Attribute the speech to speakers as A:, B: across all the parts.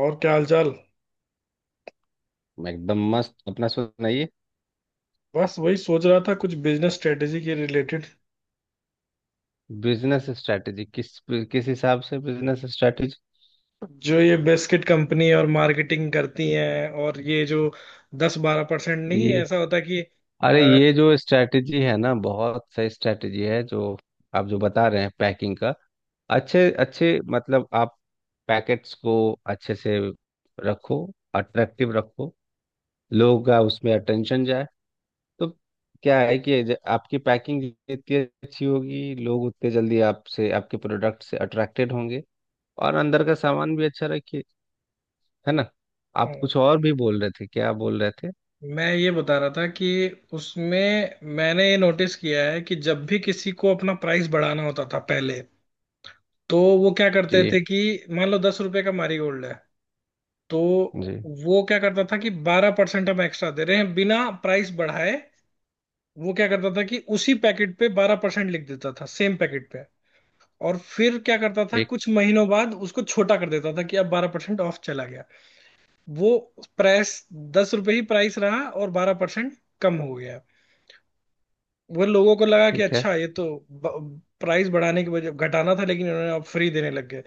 A: और क्या हालचाल?
B: एकदम मस्त। अपना सुनाइए।
A: बस वही सोच रहा था कुछ बिजनेस स्ट्रेटेजी के रिलेटेड।
B: बिजनेस स्ट्रेटजी किस किस हिसाब से बिजनेस स्ट्रेटजी।
A: जो ये बिस्किट कंपनी और मार्केटिंग करती हैं और ये जो 10-12% नहीं
B: ये
A: ऐसा होता है कि
B: अरे
A: अ,
B: ये जो स्ट्रेटजी है ना, बहुत सही स्ट्रेटजी है। जो आप जो बता रहे हैं पैकिंग का। अच्छे अच्छे मतलब आप पैकेट्स को अच्छे से रखो, अट्रैक्टिव रखो, लोगों का उसमें अटेंशन जाए। तो क्या है कि आपकी पैकिंग जितनी अच्छी होगी लोग उतने जल्दी आपसे आपके प्रोडक्ट से अट्रैक्टेड होंगे। और अंदर का सामान भी अच्छा रखिए। है ना। आप कुछ और भी बोल रहे थे, क्या बोल रहे थे।
A: मैं ये बता रहा था कि उसमें मैंने ये नोटिस किया है कि जब भी किसी को अपना प्राइस बढ़ाना होता था पहले। तो वो क्या करते थे
B: जी।
A: कि मान लो 10 रुपए का मैरीगोल्ड है। तो
B: जी।
A: वो क्या करता था कि 12% हम एक्स्ट्रा दे रहे हैं बिना प्राइस बढ़ाए। वो क्या करता था कि उसी पैकेट पे 12% लिख देता था सेम पैकेट पे। और फिर क्या करता था
B: एक।
A: कुछ महीनों बाद उसको छोटा कर देता था कि अब 12% ऑफ चला गया। वो प्राइस 10 रुपए ही प्राइस रहा और 12% कम हो गया। वो लोगों को लगा कि
B: ठीक है।
A: अच्छा ये तो प्राइस बढ़ाने की वजह घटाना था लेकिन उन्होंने अब फ्री देने लग गए।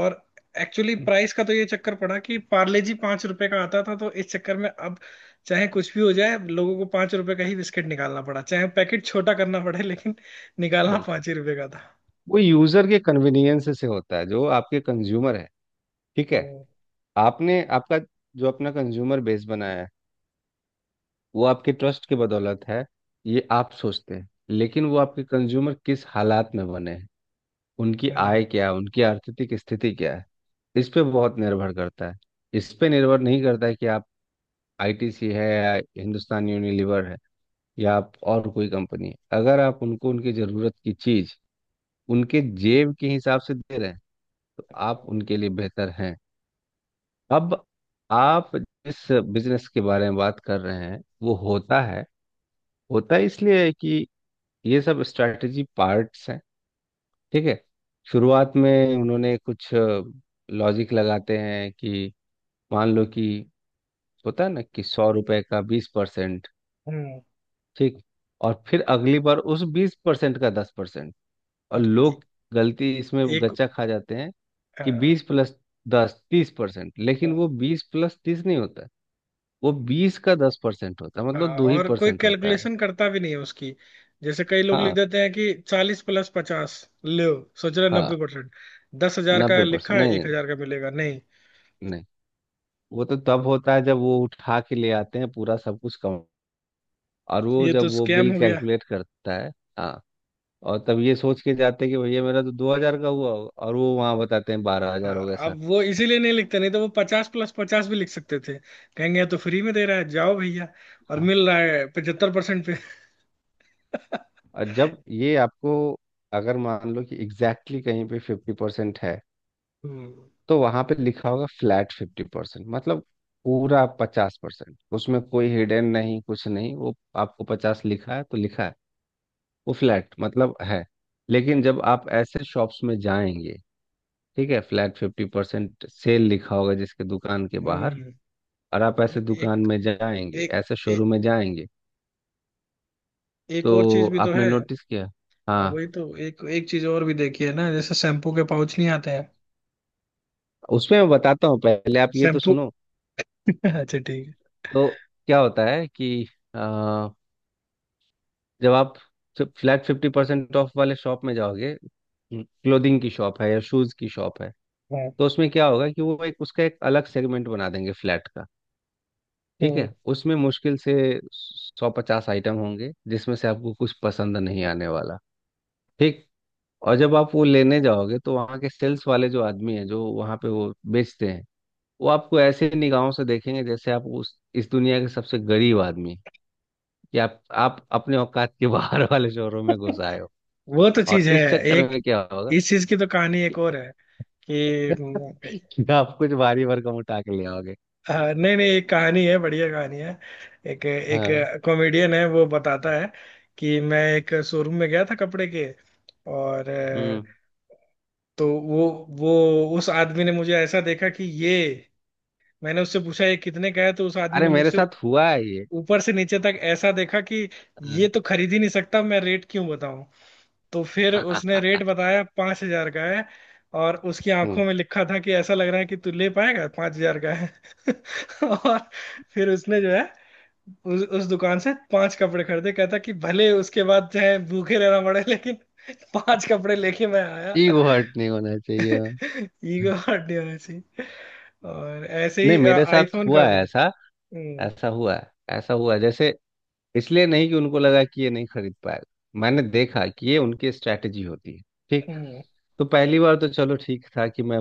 A: और एक्चुअली प्राइस का तो ये चक्कर पड़ा कि पार्ले जी 5 रुपए का आता था तो इस चक्कर में अब चाहे कुछ भी हो जाए लोगों को 5 रुपए का ही बिस्किट निकालना पड़ा चाहे पैकेट छोटा करना पड़े लेकिन निकालना
B: बिल्कुल।
A: पांच ही रुपए का था।
B: वो यूजर के कन्वीनियंस से होता है जो आपके कंज्यूमर है। ठीक है।
A: हम्म।
B: आपने आपका जो अपना कंज्यूमर बेस बनाया है वो आपके ट्रस्ट की बदौलत है। ये आप सोचते हैं लेकिन वो आपके कंज्यूमर किस हालात में बने हैं। उनकी
A: हम्म।
B: आय क्या है, उनकी आर्थिक स्थिति क्या है। इस पे बहुत निर्भर करता है। इस पे निर्भर नहीं करता है कि आप आईटीसी है या हिंदुस्तान यूनिलीवर है या आप और कोई कंपनी है। अगर आप उनको उनकी जरूरत की चीज उनके जेब के हिसाब से दे रहे हैं तो आप उनके लिए बेहतर हैं। अब आप जिस बिजनेस के बारे में बात कर रहे हैं वो होता है। इसलिए है कि ये सब स्ट्रैटेजी पार्ट्स हैं। ठीक है। शुरुआत में उन्होंने कुछ लॉजिक लगाते हैं कि मान लो कि होता है ना कि 100 रुपए का 20%।
A: हम्म, हम्म।
B: ठीक। और फिर अगली बार उस 20% का 10%। और
A: और
B: लोग गलती इसमें
A: एक।
B: गच्चा खा जाते हैं कि
A: हाँ।
B: बीस प्लस दस 30%, लेकिन वो
A: हाँ।
B: बीस प्लस तीस नहीं होता। वो बीस का दस परसेंट होता है, मतलब
A: हाँ,
B: दो ही
A: और कोई
B: परसेंट होता है।
A: कैलकुलेशन करता भी नहीं है उसकी जैसे कई लोग लिख
B: हाँ।
A: देते हैं कि 40+50। लो, सोच रहे
B: हाँ।
A: 90%। 10,000 का
B: नब्बे
A: लिखा
B: परसेंट
A: है,
B: नहीं
A: एक
B: नहीं।
A: हजार का मिलेगा नहीं।
B: नहीं, वो तो तब होता है जब वो उठा के ले आते हैं पूरा सब कुछ काउंट। और वो
A: ये
B: जब
A: तो
B: वो
A: स्कैम
B: बिल
A: हो गया।
B: कैलकुलेट करता है। हाँ। और तब ये सोच के जाते हैं कि भैया मेरा तो 2,000 का हुआ और वो वहाँ बताते हैं 12,000
A: हाँ,
B: हो गया सर।
A: अब वो इसीलिए नहीं लिखते नहीं तो वो 50+50 भी लिख सकते थे। कहेंगे ये तो फ्री में दे रहा है, जाओ भैया और
B: हाँ।
A: मिल रहा है 75% पे।
B: और जब ये आपको अगर मान लो कि एग्जैक्टली कहीं पे 50% है
A: हम्म।
B: तो वहां पे लिखा होगा फ्लैट 50%, मतलब पूरा 50%, उसमें कोई हिडन नहीं कुछ नहीं। वो आपको पचास लिखा है तो लिखा है, वो फ्लैट मतलब है। लेकिन जब आप ऐसे शॉप्स में जाएंगे, ठीक है, फ्लैट फिफ्टी परसेंट सेल लिखा होगा जिसके दुकान के बाहर।
A: हम्म।
B: और आप
A: और
B: ऐसे दुकान
A: एक
B: में जाएंगे,
A: एक
B: ऐसे
A: एक
B: शोरूम में जाएंगे।
A: एक और
B: तो
A: चीज भी तो
B: आपने
A: है।
B: नोटिस किया।
A: हाँ,
B: हाँ।
A: वही तो, एक एक चीज और भी देखी है ना जैसे शैम्पू के पाउच नहीं आते हैं।
B: उसमें मैं बताता हूँ, पहले आप ये तो
A: शैम्पू
B: सुनो।
A: अच्छा, ठीक है।
B: तो क्या होता है कि जब आप फ्लैट फिफ्टी परसेंट ऑफ वाले शॉप में जाओगे, क्लोथिंग की शॉप है या शूज की शॉप है,
A: है।
B: तो उसमें क्या होगा कि वो एक उसका एक अलग सेगमेंट बना देंगे फ्लैट का। ठीक
A: हम्म।
B: है। उसमें मुश्किल से 150 आइटम होंगे जिसमें से आपको कुछ पसंद नहीं आने वाला। ठीक। और जब आप वो लेने जाओगे तो वहाँ के सेल्स वाले जो आदमी है जो वहाँ पे वो बेचते हैं, वो आपको ऐसे निगाहों से देखेंगे जैसे आप उस इस दुनिया के सबसे गरीब आदमी हैं। कि आप अपने औकात के बाहर वाले शोरूम में घुस आए हो।
A: वो तो चीज
B: और
A: है।
B: इस चक्कर
A: एक
B: में क्या होगा
A: इस चीज की तो कहानी
B: कि,
A: एक और है। कि। हम्म।
B: कि आप कुछ भारी भरकम उठा के ले आओगे।
A: नहीं नहीं, एक कहानी है, बढ़िया कहानी है। एक एक
B: हाँ।
A: कॉमेडियन है, वो बताता है कि मैं एक शोरूम में गया था कपड़े के और
B: हम्म।
A: तो वो उस आदमी ने मुझे ऐसा देखा कि ये। मैंने उससे पूछा ये कितने का है, तो उस आदमी
B: अरे
A: ने
B: मेरे
A: मुझसे
B: साथ हुआ है ये।
A: ऊपर से नीचे तक ऐसा देखा कि ये
B: हाँ।
A: तो खरीद ही नहीं सकता, मैं रेट क्यों बताऊं। तो फिर उसने रेट बताया 5,000 का है। और उसकी आंखों
B: हम्म।
A: में लिखा था कि ऐसा लग रहा है कि तू ले पाएगा, 5,000 का है। और फिर उसने जो है उस दुकान से पांच कपड़े खरीदे, कहता कि भले उसके बाद चाहे भूखे रहना पड़े लेकिन पांच कपड़े लेके मैं आया।
B: ईगो हर्ट नहीं होना चाहिए।
A: ईगो हर्ट ऐसी। और ऐसे
B: नहीं,
A: ही
B: मेरे साथ
A: आईफोन का
B: हुआ
A: भी।
B: है ऐसा।
A: हम्म।
B: ऐसा हुआ है, ऐसा हुआ है जैसे इसलिए नहीं कि उनको लगा कि ये नहीं खरीद पाएगा। मैंने देखा कि ये उनकी स्ट्रैटेजी होती है। ठीक।
A: हम्म।
B: तो पहली बार तो चलो ठीक था कि मैं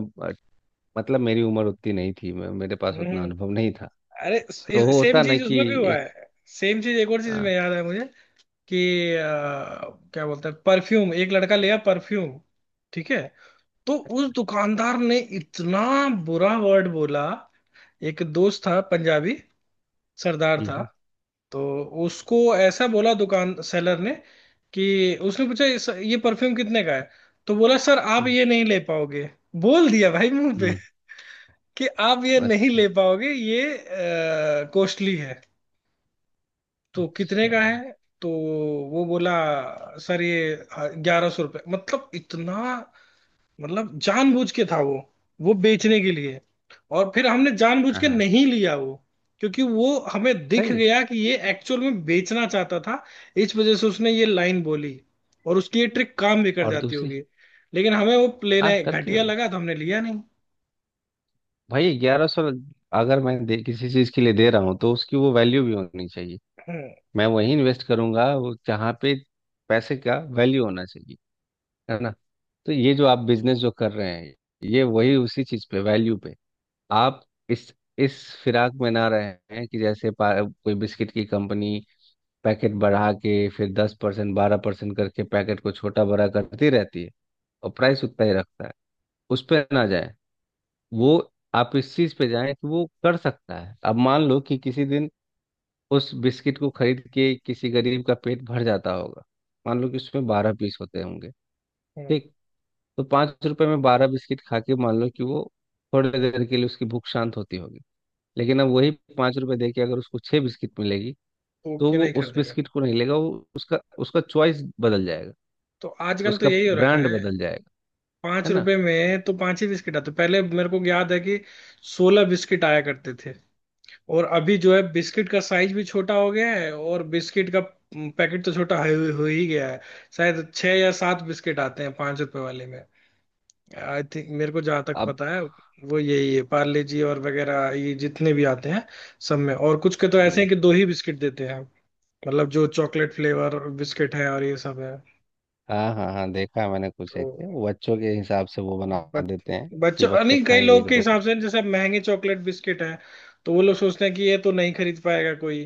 B: मतलब मेरी उम्र उतनी नहीं थी, मैं मेरे पास उतना
A: हम्म।
B: अनुभव नहीं था।
A: अरे,
B: तो वो
A: सेम
B: होता ना
A: चीज
B: कि
A: उसमें भी हुआ
B: एक।
A: है। सेम चीज एक और चीज
B: हाँ।
A: में याद है मुझे कि अ, क्या बोलते हैं, परफ्यूम। एक लड़का लिया परफ्यूम। ठीक है। तो उस दुकानदार ने इतना बुरा वर्ड बोला। एक दोस्त था, पंजाबी, सरदार
B: हम्म।
A: था।
B: हम्म।
A: तो उसको ऐसा बोला दुकान सेलर ने, कि उसने पूछा ये परफ्यूम कितने का है?" तो बोला, "सर, आप
B: हम्म।
A: ये नहीं ले पाओगे।" बोल दिया भाई मुंह पे
B: हम्म।
A: कि "आप ये नहीं
B: अच्छा
A: ले पाओगे, ये कॉस्टली है।" "तो कितने
B: अच्छा।
A: का है?" तो वो बोला, "सर, ये 1,100 रुपये", मतलब इतना। मतलब जानबूझ के था वो बेचने के लिए। और फिर हमने जानबूझ
B: हाँ
A: के
B: हाँ।
A: नहीं लिया वो, क्योंकि वो हमें दिख
B: सही।
A: गया कि ये एक्चुअल में बेचना चाहता था। इस वजह से उसने ये लाइन बोली। और उसकी ये ट्रिक काम भी कर
B: और
A: जाती
B: दूसरी
A: होगी, लेकिन हमें वो लेना
B: आप करती
A: घटिया
B: होगी।
A: लगा तो हमने लिया नहीं।
B: भाई 1,100। अगर किसी चीज के लिए दे रहा हूँ तो उसकी वो वैल्यू भी होनी चाहिए।
A: हम्म।
B: मैं वहीं इन्वेस्ट करूंगा वो जहाँ पे पैसे का वैल्यू होना चाहिए। है ना। तो ये जो आप बिजनेस जो कर रहे हैं ये वही उसी चीज पे वैल्यू पे आप इस इस फिराक में ना रहे हैं कि जैसे कोई बिस्किट की कंपनी पैकेट बढ़ा के फिर 10% 12% करके पैकेट को छोटा बड़ा करती रहती है और प्राइस उतना ही रखता है। उस पर ना जाए वो। आप इस चीज पे जाए कि वो कर सकता है। अब मान लो कि किसी दिन उस बिस्किट को खरीद के किसी गरीब का पेट भर जाता होगा। मान लो कि उसमें 12 पीस होते होंगे।
A: हम्म।
B: ठीक। तो 5 रुपए में 12 बिस्किट खा के मान लो कि वो थोड़ी देर के लिए उसकी भूख शांत होती होगी। लेकिन अब वही 5 रुपए दे के अगर उसको 6 बिस्किट मिलेगी
A: तो
B: तो
A: क्यों
B: वो
A: नहीं
B: उस
A: खरीदेगा?
B: बिस्किट को नहीं लेगा। वो उसका उसका चॉइस बदल जाएगा,
A: तो आजकल तो
B: उसका
A: यही हो रखा
B: ब्रांड
A: है।
B: बदल जाएगा।
A: पांच
B: है ना।
A: रुपए में तो पांच ही बिस्किट आते, पहले मेरे को याद है कि 16 बिस्किट आया करते थे। और अभी जो है बिस्किट का साइज भी छोटा हो गया है और बिस्किट का पैकेट तो छोटा हो ही गया है। शायद छह या सात बिस्किट आते हैं पांच रुपए वाले में, आई थिंक, मेरे को जहां तक
B: अब।
A: पता है। वो यही है पार्ले जी और वगैरह, ये जितने भी आते हैं सब में, और कुछ के तो ऐसे हैं
B: जी।
A: कि दो ही बिस्किट देते हैं। मतलब जो चॉकलेट फ्लेवर बिस्किट है और ये सब है।
B: हाँ हाँ हाँ, देखा है मैंने। कुछ
A: तो
B: एक के वो बच्चों के हिसाब से वो बना
A: बच,
B: देते हैं कि
A: बच्चों
B: बच्चे
A: नहीं, कई
B: खाएंगे,
A: लोग
B: एक
A: के
B: दो
A: हिसाब से, जैसे महंगे चॉकलेट बिस्किट है तो वो लोग सोचते हैं कि ये तो नहीं खरीद पाएगा कोई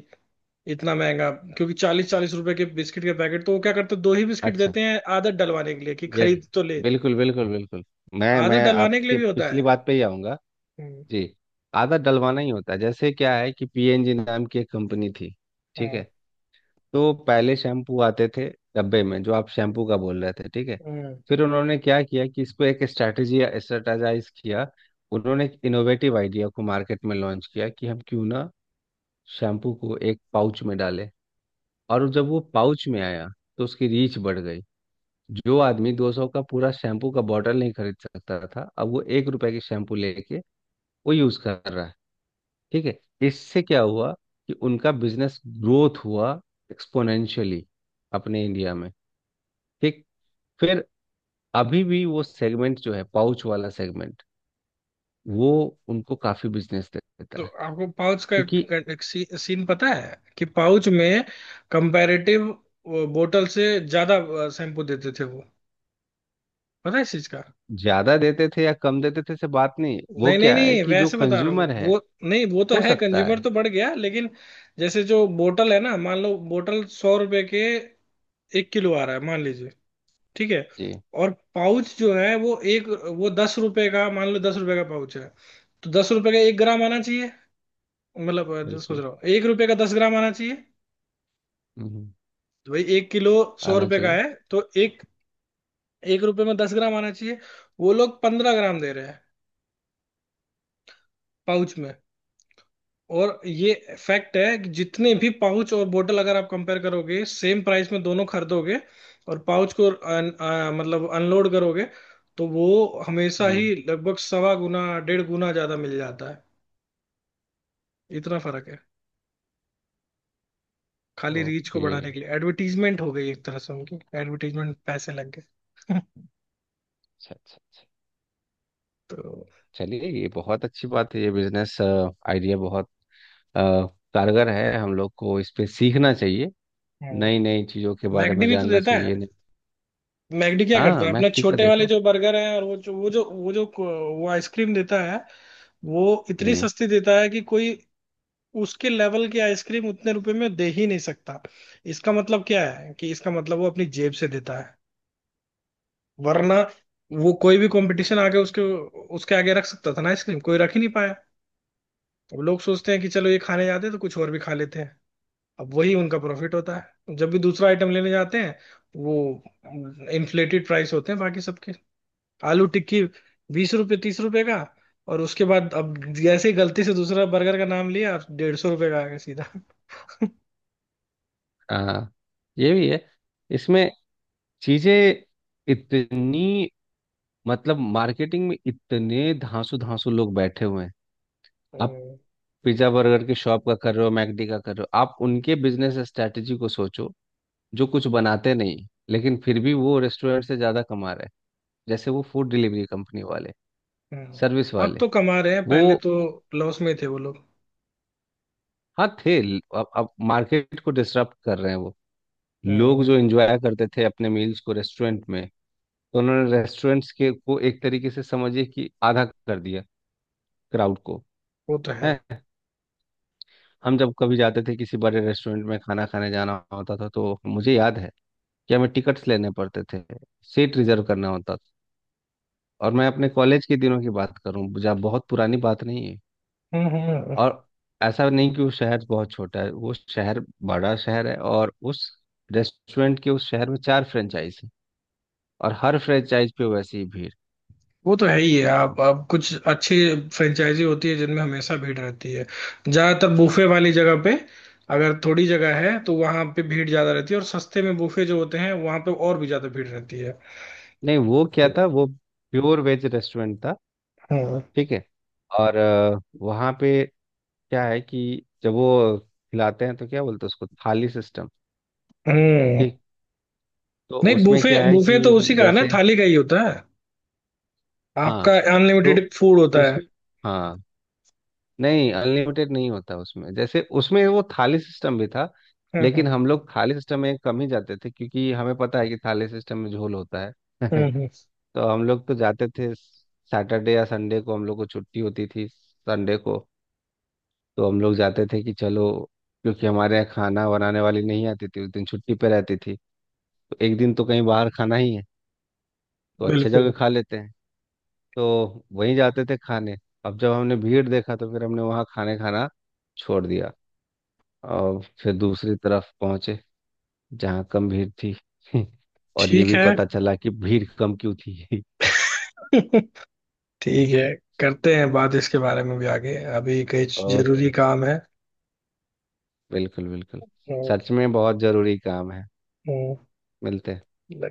A: इतना महंगा। क्योंकि 40-40 रुपए के बिस्किट के पैकेट तो वो क्या करते हैं, दो ही बिस्किट
B: अच्छा
A: देते हैं आदत डलवाने के लिए, कि
B: यही।
A: खरीद तो ले।
B: बिल्कुल बिल्कुल बिल्कुल। मैं
A: आदत
B: मैं
A: डलवाने के लिए
B: आपके
A: भी होता
B: पिछली
A: है।
B: बात पे ही आऊंगा।
A: हम्म।
B: जी। आधा डलवाना ही होता है, जैसे क्या है कि पीएनजी नाम की एक कंपनी थी, ठीक
A: हम्म।
B: है। तो पहले शैम्पू आते थे डब्बे में, जो आप शैम्पू का बोल रहे थे, ठीक है।
A: हम्म।
B: फिर उन्होंने क्या किया कि इसको एक स्ट्रैटेजी स्ट्रेटाजाइज किया। उन्होंने एक इनोवेटिव आइडिया को मार्केट में लॉन्च किया कि हम क्यों ना शैम्पू को एक पाउच में डालें। और जब वो पाउच में आया तो उसकी रीच बढ़ गई। जो आदमी 200 का पूरा शैम्पू का बॉटल नहीं खरीद सकता था, अब वो 1 रुपए की शैम्पू लेके वो यूज कर रहा है। ठीक है। इससे क्या हुआ कि उनका बिजनेस ग्रोथ हुआ एक्सपोनेंशियली अपने इंडिया में। ठीक। फिर अभी भी वो सेगमेंट जो है पाउच वाला सेगमेंट, वो उनको काफी बिजनेस
A: तो
B: देता है।
A: आपको पाउच का
B: क्योंकि
A: का- एक सीन पता है कि पाउच में कंपैरेटिव बोतल से ज्यादा शैम्पू देते थे वो। पता है इस चीज का?
B: ज्यादा देते थे या कम देते थे से बात नहीं। वो
A: नहीं नहीं
B: क्या है
A: नहीं,
B: कि जो
A: वैसे बता रहा
B: कंज्यूमर
A: हूँ
B: है,
A: वो। नहीं, वो तो
B: हो
A: है,
B: सकता
A: कंज्यूमर
B: है।
A: तो बढ़ गया लेकिन, जैसे जो बोतल है ना, मान लो बोतल 100 रुपए के एक किलो आ रहा है मान लीजिए। ठीक है।
B: जी।
A: और पाउच जो है वो दस रुपए का, मान लो दस रुपए का पाउच है। तो 10 रुपए का एक ग्राम आना चाहिए। मतलब सोच
B: बिल्कुल।
A: रहा हूँ, एक रुपए का 10 ग्राम आना चाहिए।
B: हम्म।
A: तो भाई एक किलो सौ
B: आना
A: रुपए का
B: चाहिए।
A: है, तो एक एक रुपए में 10 ग्राम आना चाहिए। वो लोग 15 ग्राम दे रहे हैं पाउच में। और ये फैक्ट है कि जितने भी पाउच और बोतल अगर आप कंपेयर करोगे, सेम प्राइस में दोनों खरीदोगे और पाउच को मतलब अनलोड करोगे, तो वो हमेशा
B: हम्म।
A: ही लगभग सवा गुना डेढ़ गुना ज्यादा मिल जाता है। इतना फर्क है। खाली रीच को
B: ओके।
A: बढ़ाने के लिए, एडवर्टीजमेंट हो गई एक तरह से, उनकी एडवर्टीजमेंट पैसे लग गए।
B: अच्छा अच्छा अच्छा।
A: तो
B: चलिए, ये बहुत अच्छी बात है, ये बिजनेस आइडिया बहुत अ, कारगर है। हम लोग को इस पे सीखना चाहिए,
A: हाँ।
B: नई नई चीजों के बारे
A: मैकडी
B: में
A: भी तो
B: जानना
A: देता है।
B: चाहिए।
A: मैकडी क्या करता
B: हाँ
A: है, अपने
B: मैक टीका
A: छोटे वाले
B: देखो।
A: जो बर्गर हैं और वो आइसक्रीम देता है, वो इतनी
B: हम्म।
A: सस्ती देता है कि कोई उसके लेवल की आइसक्रीम उतने रुपए में दे ही नहीं सकता। इसका मतलब क्या है, कि इसका मतलब वो अपनी जेब से देता है, वरना वो कोई भी कंपटीशन आगे उसके उसके आगे रख सकता था ना आइसक्रीम, कोई रख ही नहीं पाया। अब लोग सोचते हैं कि चलो ये खाने जाते हैं तो कुछ और भी खा लेते हैं। अब वही उनका प्रॉफिट होता है, जब भी दूसरा आइटम लेने जाते हैं वो इन्फ्लेटेड प्राइस होते हैं बाकी सबके। आलू टिक्की 20 रुपए, 30 रुपए का, और उसके बाद अब जैसे ही गलती से दूसरा बर्गर का नाम लिया 150 रुपए का आ गया सीधा।
B: हाँ, ये भी है। इसमें चीजें इतनी, मतलब मार्केटिंग में इतने धांसू धांसू लोग बैठे हुए हैं। आप पिज्जा बर्गर की शॉप का कर रहे हो, मैकडी का कर रहे हो, आप उनके बिजनेस स्ट्रेटजी को सोचो जो कुछ बनाते नहीं लेकिन फिर भी वो रेस्टोरेंट से ज्यादा कमा रहे हैं। जैसे वो फूड डिलीवरी कंपनी वाले,
A: हम्म,
B: सर्विस
A: अब
B: वाले।
A: तो कमा रहे हैं, पहले
B: वो।
A: तो लॉस में थे वो लोग।
B: हाँ थे। अब मार्केट को डिसरप्ट कर रहे हैं वो। लोग
A: हम्म।
B: जो एंजॉय करते थे अपने मील्स को रेस्टोरेंट में, तो उन्होंने रेस्टोरेंट्स के को एक तरीके से समझिए कि आधा कर दिया क्राउड को।
A: वो तो है।
B: है। हम जब कभी जाते थे किसी बड़े रेस्टोरेंट में खाना खाने जाना होता था तो मुझे याद है कि हमें टिकट्स लेने पड़ते थे, सीट रिजर्व करना होता था। और मैं अपने कॉलेज के दिनों की बात करूं, जहाँ बहुत पुरानी बात नहीं है।
A: हम्म। हम्म।
B: और ऐसा नहीं कि वो शहर बहुत छोटा है, वो शहर बड़ा शहर है और उस रेस्टोरेंट के उस शहर में चार फ्रेंचाइज है और हर फ्रेंचाइज पे वैसी ही भीड़।
A: वो तो है ही, है आप, अब कुछ अच्छी फ्रेंचाइजी होती है जिनमें हमेशा भीड़ रहती है, ज्यादातर बूफे वाली जगह पे। अगर थोड़ी जगह है तो वहां पे भीड़ ज्यादा रहती है, और सस्ते में बूफे जो होते हैं वहां पे और भी ज्यादा भीड़ रहती है।
B: नहीं वो क्या था, वो प्योर वेज रेस्टोरेंट था,
A: हम्म।
B: ठीक है। और वहाँ पे क्या है कि जब वो खिलाते हैं तो क्या बोलते हैं उसको थाली सिस्टम।
A: हम्म।
B: ठीक। तो
A: नहीं,
B: उसमें
A: बूफे
B: क्या है
A: बूफे
B: कि
A: तो उसी का है ना,
B: जैसे
A: थाली का ही होता है,
B: हाँ
A: आपका
B: तो
A: अनलिमिटेड फूड होता है।
B: उसमें हाँ नहीं, अनलिमिटेड नहीं होता उसमें, जैसे उसमें वो थाली सिस्टम भी था
A: हम्म। हम्म।
B: लेकिन हम लोग थाली सिस्टम में कम ही जाते थे क्योंकि हमें पता है कि थाली सिस्टम में झोल होता है।
A: हम्म।
B: तो हम लोग तो जाते थे सैटरडे या संडे को, हम लोग को छुट्टी होती थी संडे को। तो हम लोग जाते थे कि चलो, क्योंकि हमारे यहाँ खाना बनाने वाली नहीं आती थी उस दिन, छुट्टी पे रहती थी। तो एक दिन तो कहीं बाहर खाना ही है तो अच्छे
A: बिल्कुल।
B: जगह खा लेते हैं। तो वहीं जाते थे खाने। अब जब हमने भीड़ देखा तो फिर हमने वहाँ खाने खाना छोड़ दिया और फिर दूसरी तरफ पहुंचे जहाँ कम भीड़ थी। और ये
A: ठीक
B: भी
A: है।
B: पता चला कि भीड़ कम क्यों थी।
A: ठीक है। करते हैं बात इसके बारे में भी आगे, अभी कुछ जरूरी
B: ओके।
A: काम है।
B: बिल्कुल बिल्कुल।
A: हम्म,
B: सच में बहुत जरूरी काम है, मिलते हैं।
A: हम्म।